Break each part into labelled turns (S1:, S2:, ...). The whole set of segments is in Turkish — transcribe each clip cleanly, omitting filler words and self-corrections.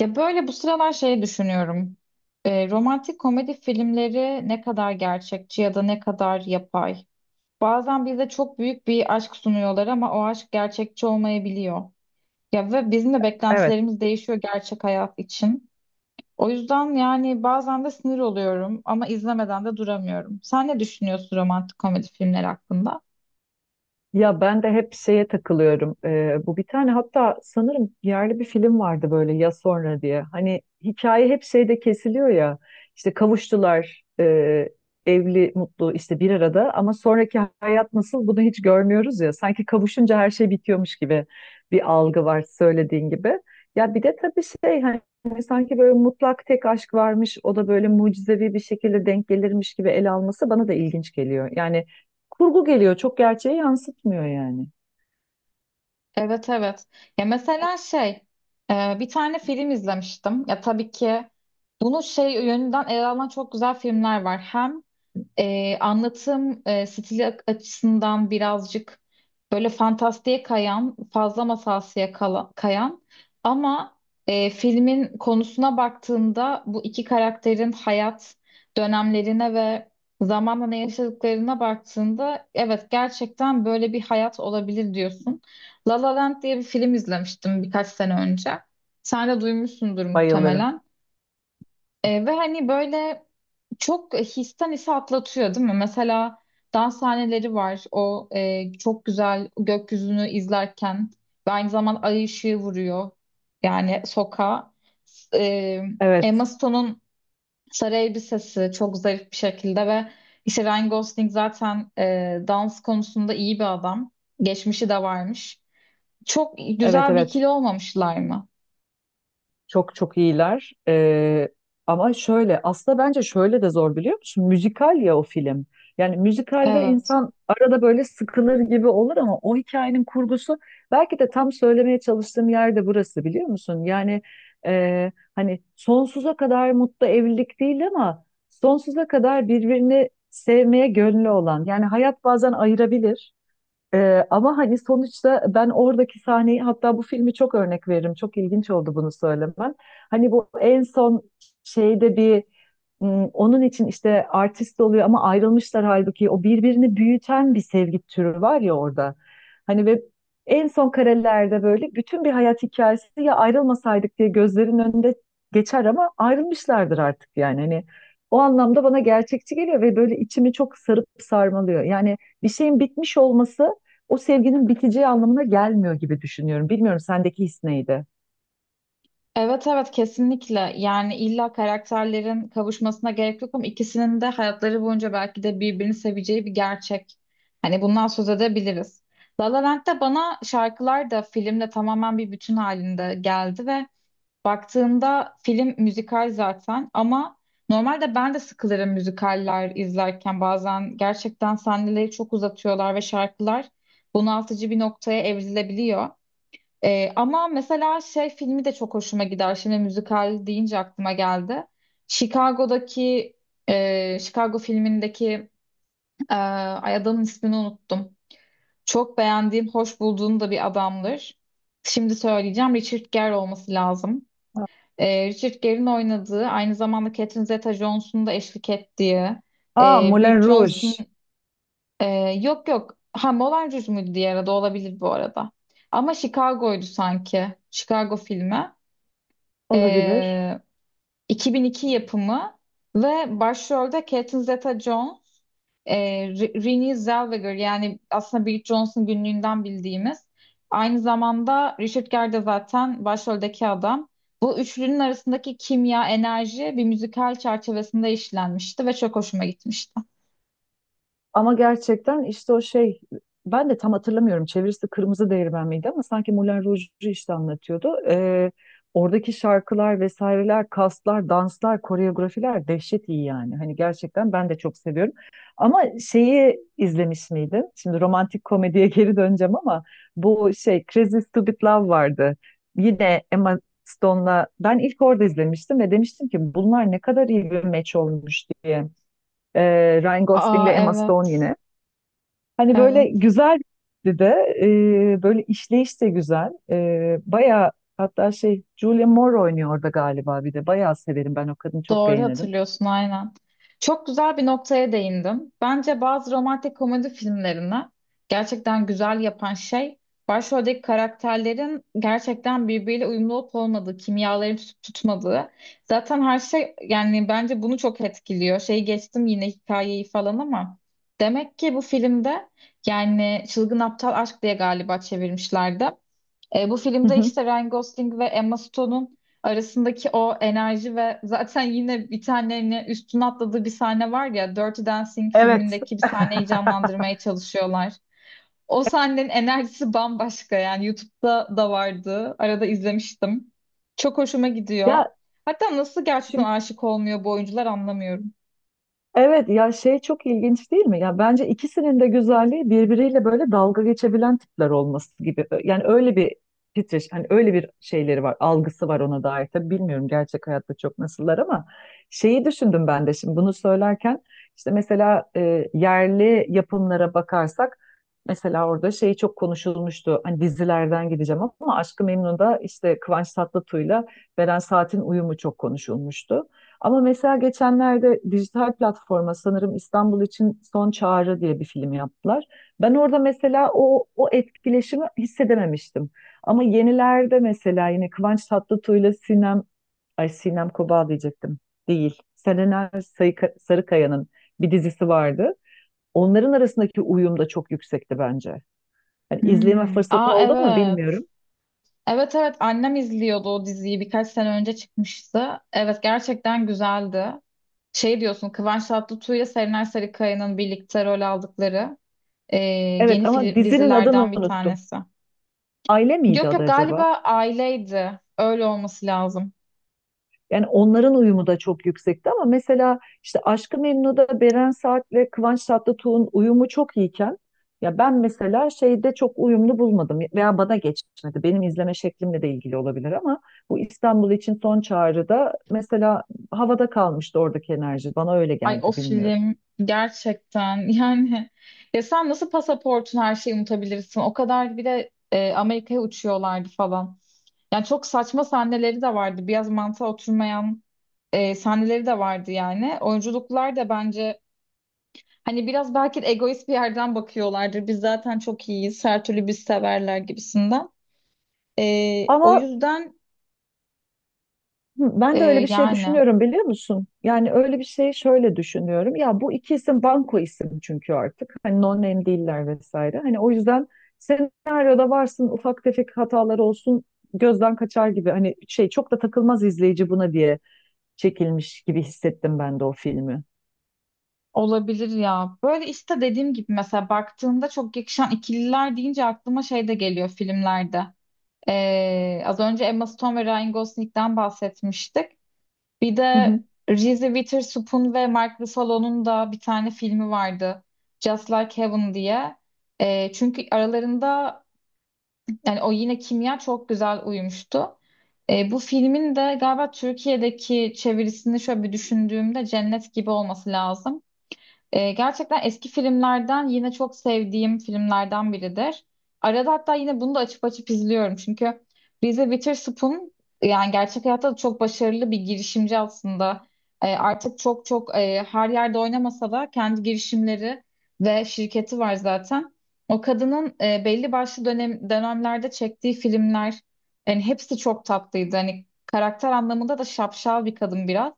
S1: Ya böyle bu sıralar şeyi düşünüyorum. Romantik komedi filmleri ne kadar gerçekçi ya da ne kadar yapay? Bazen bize çok büyük bir aşk sunuyorlar ama o aşk gerçekçi olmayabiliyor. Ya ve bizim de
S2: Evet.
S1: beklentilerimiz değişiyor gerçek hayat için. O yüzden yani bazen de sinir oluyorum ama izlemeden de duramıyorum. Sen ne düşünüyorsun romantik komedi filmleri hakkında?
S2: Ya ben de hep şeye takılıyorum. Bu bir tane hatta sanırım yerli bir film vardı böyle ya sonra diye. Hani hikaye hep şeyde kesiliyor ya. İşte kavuştular, evli, mutlu işte bir arada ama sonraki hayat nasıl bunu hiç görmüyoruz ya. Sanki kavuşunca her şey bitiyormuş gibi bir algı var söylediğin gibi. Ya bir de tabii şey hani sanki böyle mutlak tek aşk varmış o da böyle mucizevi bir şekilde denk gelirmiş gibi ele alması bana da ilginç geliyor. Yani kurgu geliyor. Çok gerçeği yansıtmıyor yani.
S1: Evet, evet. Ya mesela şey bir tane film izlemiştim. Ya tabii ki bunu şey yönünden ele alan çok güzel filmler var. Hem anlatım stili açısından birazcık böyle fantastiğe kayan, fazla masalsıya kayan ama filmin konusuna baktığında bu iki karakterin hayat dönemlerine ve zamanla ne yaşadıklarına baktığında evet, gerçekten böyle bir hayat olabilir diyorsun. La La Land diye bir film izlemiştim birkaç sene önce. Sen de duymuşsundur
S2: Bayılırım.
S1: muhtemelen. Ve hani böyle çok histen ise atlatıyor değil mi? Mesela dans sahneleri var. O çok güzel gökyüzünü izlerken ve aynı zaman ay ışığı vuruyor. Yani sokağa. S- E, Emma
S2: Evet,
S1: Stone'un sarı elbisesi çok zarif bir şekilde ve işte Ryan Gosling zaten dans konusunda iyi bir adam. Geçmişi de varmış. Çok
S2: evet,
S1: güzel bir
S2: evet.
S1: ikili olmamışlar mı?
S2: Çok çok iyiler. Ama şöyle, aslında bence şöyle de zor biliyor musun? Müzikal ya o film. Yani müzikalde
S1: Evet.
S2: insan arada böyle sıkılır gibi olur ama o hikayenin kurgusu belki de tam söylemeye çalıştığım yerde burası biliyor musun? Yani hani sonsuza kadar mutlu evlilik değil ama sonsuza kadar birbirini sevmeye gönlü olan. Yani hayat bazen ayırabilir. Ama hani sonuçta ben oradaki sahneyi hatta bu filmi çok örnek veririm. Çok ilginç oldu bunu söylemen. Hani bu en son şeyde bir onun için işte artist oluyor ama ayrılmışlar halbuki o birbirini büyüten bir sevgi türü var ya orada. Hani ve en son karelerde böyle bütün bir hayat hikayesi ya ayrılmasaydık diye gözlerin önünde geçer ama ayrılmışlardır artık yani. Hani o anlamda bana gerçekçi geliyor ve böyle içimi çok sarıp sarmalıyor. Yani bir şeyin bitmiş olması o sevginin biteceği anlamına gelmiyor gibi düşünüyorum. Bilmiyorum sendeki his neydi?
S1: Evet, evet, kesinlikle, yani illa karakterlerin kavuşmasına gerek yok ama ikisinin de hayatları boyunca belki de birbirini seveceği bir gerçek. Hani bundan söz edebiliriz. La La Land'de bana şarkılar da filmle tamamen bir bütün halinde geldi ve baktığında film müzikal zaten ama normalde ben de sıkılırım müzikaller izlerken, bazen gerçekten sahneleri çok uzatıyorlar ve şarkılar bunaltıcı bir noktaya evrilebiliyor. Ama mesela şey filmi de çok hoşuma gider. Şimdi müzikal deyince aklıma geldi. Chicago'daki Chicago filmindeki ay, adamın ismini unuttum. Çok beğendiğim, hoş bulduğum da bir adamdır. Şimdi söyleyeceğim. Richard Gere olması lazım. Richard Gere'in oynadığı, aynı zamanda Catherine Zeta-Jones'un da eşlik ettiği,
S2: Aa, Moulin
S1: Bridget
S2: Rouge
S1: Jones'un e, yok, yok. Ha, Moulin Rouge muydu diğer adı, olabilir bu arada. Ama Chicago'ydu sanki. Chicago filmi.
S2: olabilir.
S1: Ee, 2002 yapımı ve başrolde Catherine Zeta-Jones, e, Renée Zellweger, yani aslında Bridget Jones'un günlüğünden bildiğimiz. Aynı zamanda Richard Gere de zaten başroldeki adam. Bu üçlünün arasındaki kimya, enerji bir müzikal çerçevesinde işlenmişti ve çok hoşuma gitmişti.
S2: Ama gerçekten işte o şey ben de tam hatırlamıyorum çevirisi Kırmızı Değirmen miydi ama sanki Moulin Rouge'u işte anlatıyordu. Oradaki şarkılar vesaireler, kaslar, danslar, koreografiler dehşet iyi yani. Hani gerçekten ben de çok seviyorum. Ama şeyi izlemiş miydin? Şimdi romantik komediye geri döneceğim ama bu şey Crazy Stupid Love vardı. Yine Emma Stone'la ben ilk orada izlemiştim ve demiştim ki bunlar ne kadar iyi bir meç olmuş diye. Ryan Gosling'le
S1: Aa,
S2: Emma Stone
S1: evet,
S2: yine. Hani böyle
S1: evet,
S2: güzel bir de böyle işleyiş de güzel. E, bayağı hatta şey Julia Moore oynuyor orada galiba bir de. Bayağı severim ben o kadını çok
S1: doğru
S2: beğenirim.
S1: hatırlıyorsun aynen. Çok güzel bir noktaya değindim. Bence bazı romantik komedi filmlerini gerçekten güzel yapan şey başroldeki karakterlerin gerçekten birbiriyle uyumlu olup olmadığı, kimyaların tutup tutmadığı. Zaten her şey yani bence bunu çok etkiliyor. Şeyi geçtim yine hikayeyi falan ama demek ki bu filmde yani Çılgın Aptal Aşk diye galiba çevirmişlerdi. Bu filmde işte Ryan Gosling ve Emma Stone'un arasındaki o enerji ve zaten yine bir tane hani üstüne atladığı bir sahne var ya, Dirty Dancing
S2: Evet.
S1: filmindeki bir sahneyi canlandırmaya çalışıyorlar. O sahnenin enerjisi bambaşka yani. YouTube'da da vardı. Arada izlemiştim. Çok hoşuma
S2: Ya
S1: gidiyor. Hatta nasıl gerçekten
S2: şu
S1: aşık olmuyor bu oyuncular, anlamıyorum.
S2: evet ya şey çok ilginç değil mi? Ya bence ikisinin de güzelliği birbiriyle böyle dalga geçebilen tipler olması gibi. Yani öyle bir titreş, hani öyle bir şeyleri var, algısı var ona dair. Tabii bilmiyorum gerçek hayatta çok nasıllar ama şeyi düşündüm ben de şimdi bunu söylerken işte mesela yerli yapımlara bakarsak mesela orada şey çok konuşulmuştu. Hani dizilerden gideceğim ama Aşk-ı Memnu'da işte Kıvanç Tatlıtuğ'la Beren Saat'in uyumu çok konuşulmuştu. Ama mesela geçenlerde dijital platforma sanırım İstanbul için Son Çağrı diye bir film yaptılar. Ben orada mesela o etkileşimi hissedememiştim. Ama yenilerde mesela yine Kıvanç Tatlıtuğ ile Sinem Kobal diyecektim. Değil. Sarıkaya'nın bir dizisi vardı. Onların arasındaki uyum da çok yüksekti bence. Yani izleme
S1: Hmm.
S2: fırsatın
S1: Aa,
S2: oldu mu
S1: evet.
S2: bilmiyorum.
S1: Evet, evet, annem izliyordu o diziyi, birkaç sene önce çıkmıştı. Evet, gerçekten güzeldi. Şey diyorsun, Kıvanç Tatlıtuğ'ya Serenay Sarıkaya'nın birlikte rol aldıkları e, yeni
S2: Evet ama
S1: film,
S2: dizinin adını
S1: dizilerden bir
S2: unuttum.
S1: tanesi.
S2: Aile miydi
S1: Yok,
S2: adı
S1: yok,
S2: acaba?
S1: galiba aileydi. Öyle olması lazım.
S2: Yani onların uyumu da çok yüksekti ama mesela işte Aşk-ı Memnu'da Beren Saat ve Kıvanç Tatlıtuğ'un uyumu çok iyiken ya ben mesela şeyde çok uyumlu bulmadım veya bana geçmedi. Benim izleme şeklimle de ilgili olabilir ama bu İstanbul için son çağrıda mesela havada kalmıştı oradaki enerji. Bana öyle
S1: Ay, o
S2: geldi bilmiyorum.
S1: film gerçekten yani ya sen nasıl pasaportun her şeyi unutabilirsin? O kadar bir de Amerika'ya uçuyorlardı falan. Yani çok saçma sahneleri de vardı. Biraz mantığa oturmayan sahneleri de vardı yani. Oyunculuklar da bence, hani biraz belki de egoist bir yerden bakıyorlardır. Biz zaten çok iyiyiz. Her türlü biz severler gibisinden. O
S2: Ama
S1: yüzden
S2: hı, ben de öyle
S1: e,
S2: bir şey
S1: yani
S2: düşünüyorum biliyor musun? Yani öyle bir şey şöyle düşünüyorum. Ya bu iki isim banko isim çünkü artık. Hani non name değiller vesaire. Hani o yüzden senaryoda varsın ufak tefek hatalar olsun gözden kaçar gibi. Hani şey çok da takılmaz izleyici buna diye çekilmiş gibi hissettim ben de o filmi.
S1: olabilir ya. Böyle işte dediğim gibi mesela baktığında çok yakışan ikililer deyince aklıma şey de geliyor filmlerde. Az önce Emma Stone ve Ryan Gosling'den bahsetmiştik. Bir
S2: Hı
S1: de
S2: hı.
S1: Reese Witherspoon ve Mark Ruffalo'nun da bir tane filmi vardı. Just Like Heaven diye. Çünkü aralarında, yani o yine kimya çok güzel uyumuştu. Bu filmin de galiba Türkiye'deki çevirisini şöyle bir düşündüğümde Cennet Gibi olması lazım. Gerçekten eski filmlerden, yine çok sevdiğim filmlerden biridir. Arada hatta yine bunu da açıp açıp izliyorum. Çünkü Reese Witherspoon yani gerçek hayatta da çok başarılı bir girişimci aslında. Artık çok çok her yerde oynamasa da kendi girişimleri ve şirketi var zaten. O kadının belli başlı dönemlerde çektiği filmler yani hepsi çok tatlıydı. Hani karakter anlamında da şapşal bir kadın biraz.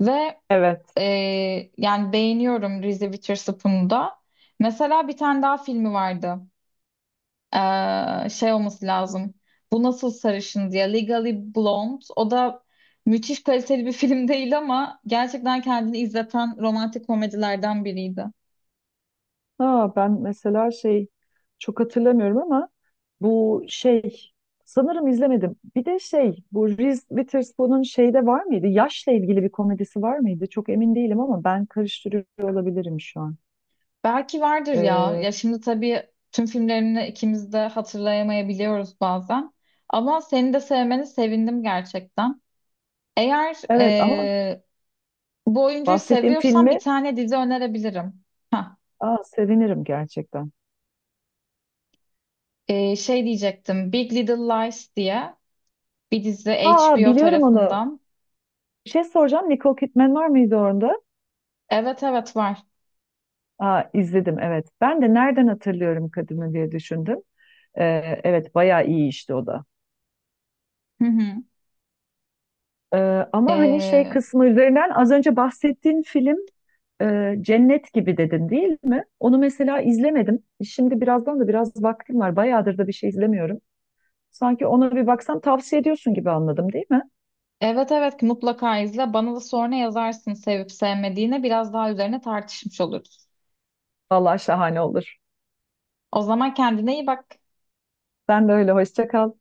S1: Ve
S2: Evet.
S1: yani beğeniyorum Reese Witherspoon'u da. Mesela bir tane daha filmi vardı. Şey olması lazım. Bu Nasıl Sarışın diye, Legally Blonde. O da müthiş kaliteli bir film değil ama gerçekten kendini izleten romantik komedilerden biriydi.
S2: Ha, ben mesela şey çok hatırlamıyorum ama bu şey sanırım izlemedim. Bir de şey bu Reese Witherspoon'un şeyde var mıydı? Yaşla ilgili bir komedisi var mıydı? Çok emin değilim ama ben karıştırıyor olabilirim şu an.
S1: Belki vardır ya.
S2: Ee,
S1: Ya şimdi tabii tüm filmlerini ikimiz de hatırlayamayabiliyoruz bazen. Ama seni de sevmeni sevindim gerçekten. Eğer
S2: evet ama
S1: bu oyuncuyu
S2: bahsettiğim
S1: seviyorsan bir
S2: filmi
S1: tane dizi önerebilirim. Hah,
S2: aa, sevinirim gerçekten.
S1: şey diyecektim. Big Little Lies diye bir dizi,
S2: Ha
S1: HBO
S2: biliyorum onu.
S1: tarafından.
S2: Bir şey soracağım. Nicole Kidman var mıydı orada?
S1: Evet, evet, var.
S2: Aa, izledim evet. Ben de nereden hatırlıyorum kadını diye düşündüm. Evet bayağı iyi işte o da.
S1: Hı hı.
S2: Ama hani şey
S1: Ee,
S2: kısmı üzerinden az önce bahsettiğin film Cennet gibi dedin değil mi? Onu mesela izlemedim. Şimdi birazdan da biraz vaktim var. Bayağıdır da bir şey izlemiyorum. Sanki ona bir baksam tavsiye ediyorsun gibi anladım değil mi?
S1: evet, evet, mutlaka izle. Bana da sonra yazarsın sevip sevmediğine. Biraz daha üzerine tartışmış oluruz.
S2: Vallahi şahane olur.
S1: O zaman kendine iyi bak.
S2: Sen de öyle hoşça kal.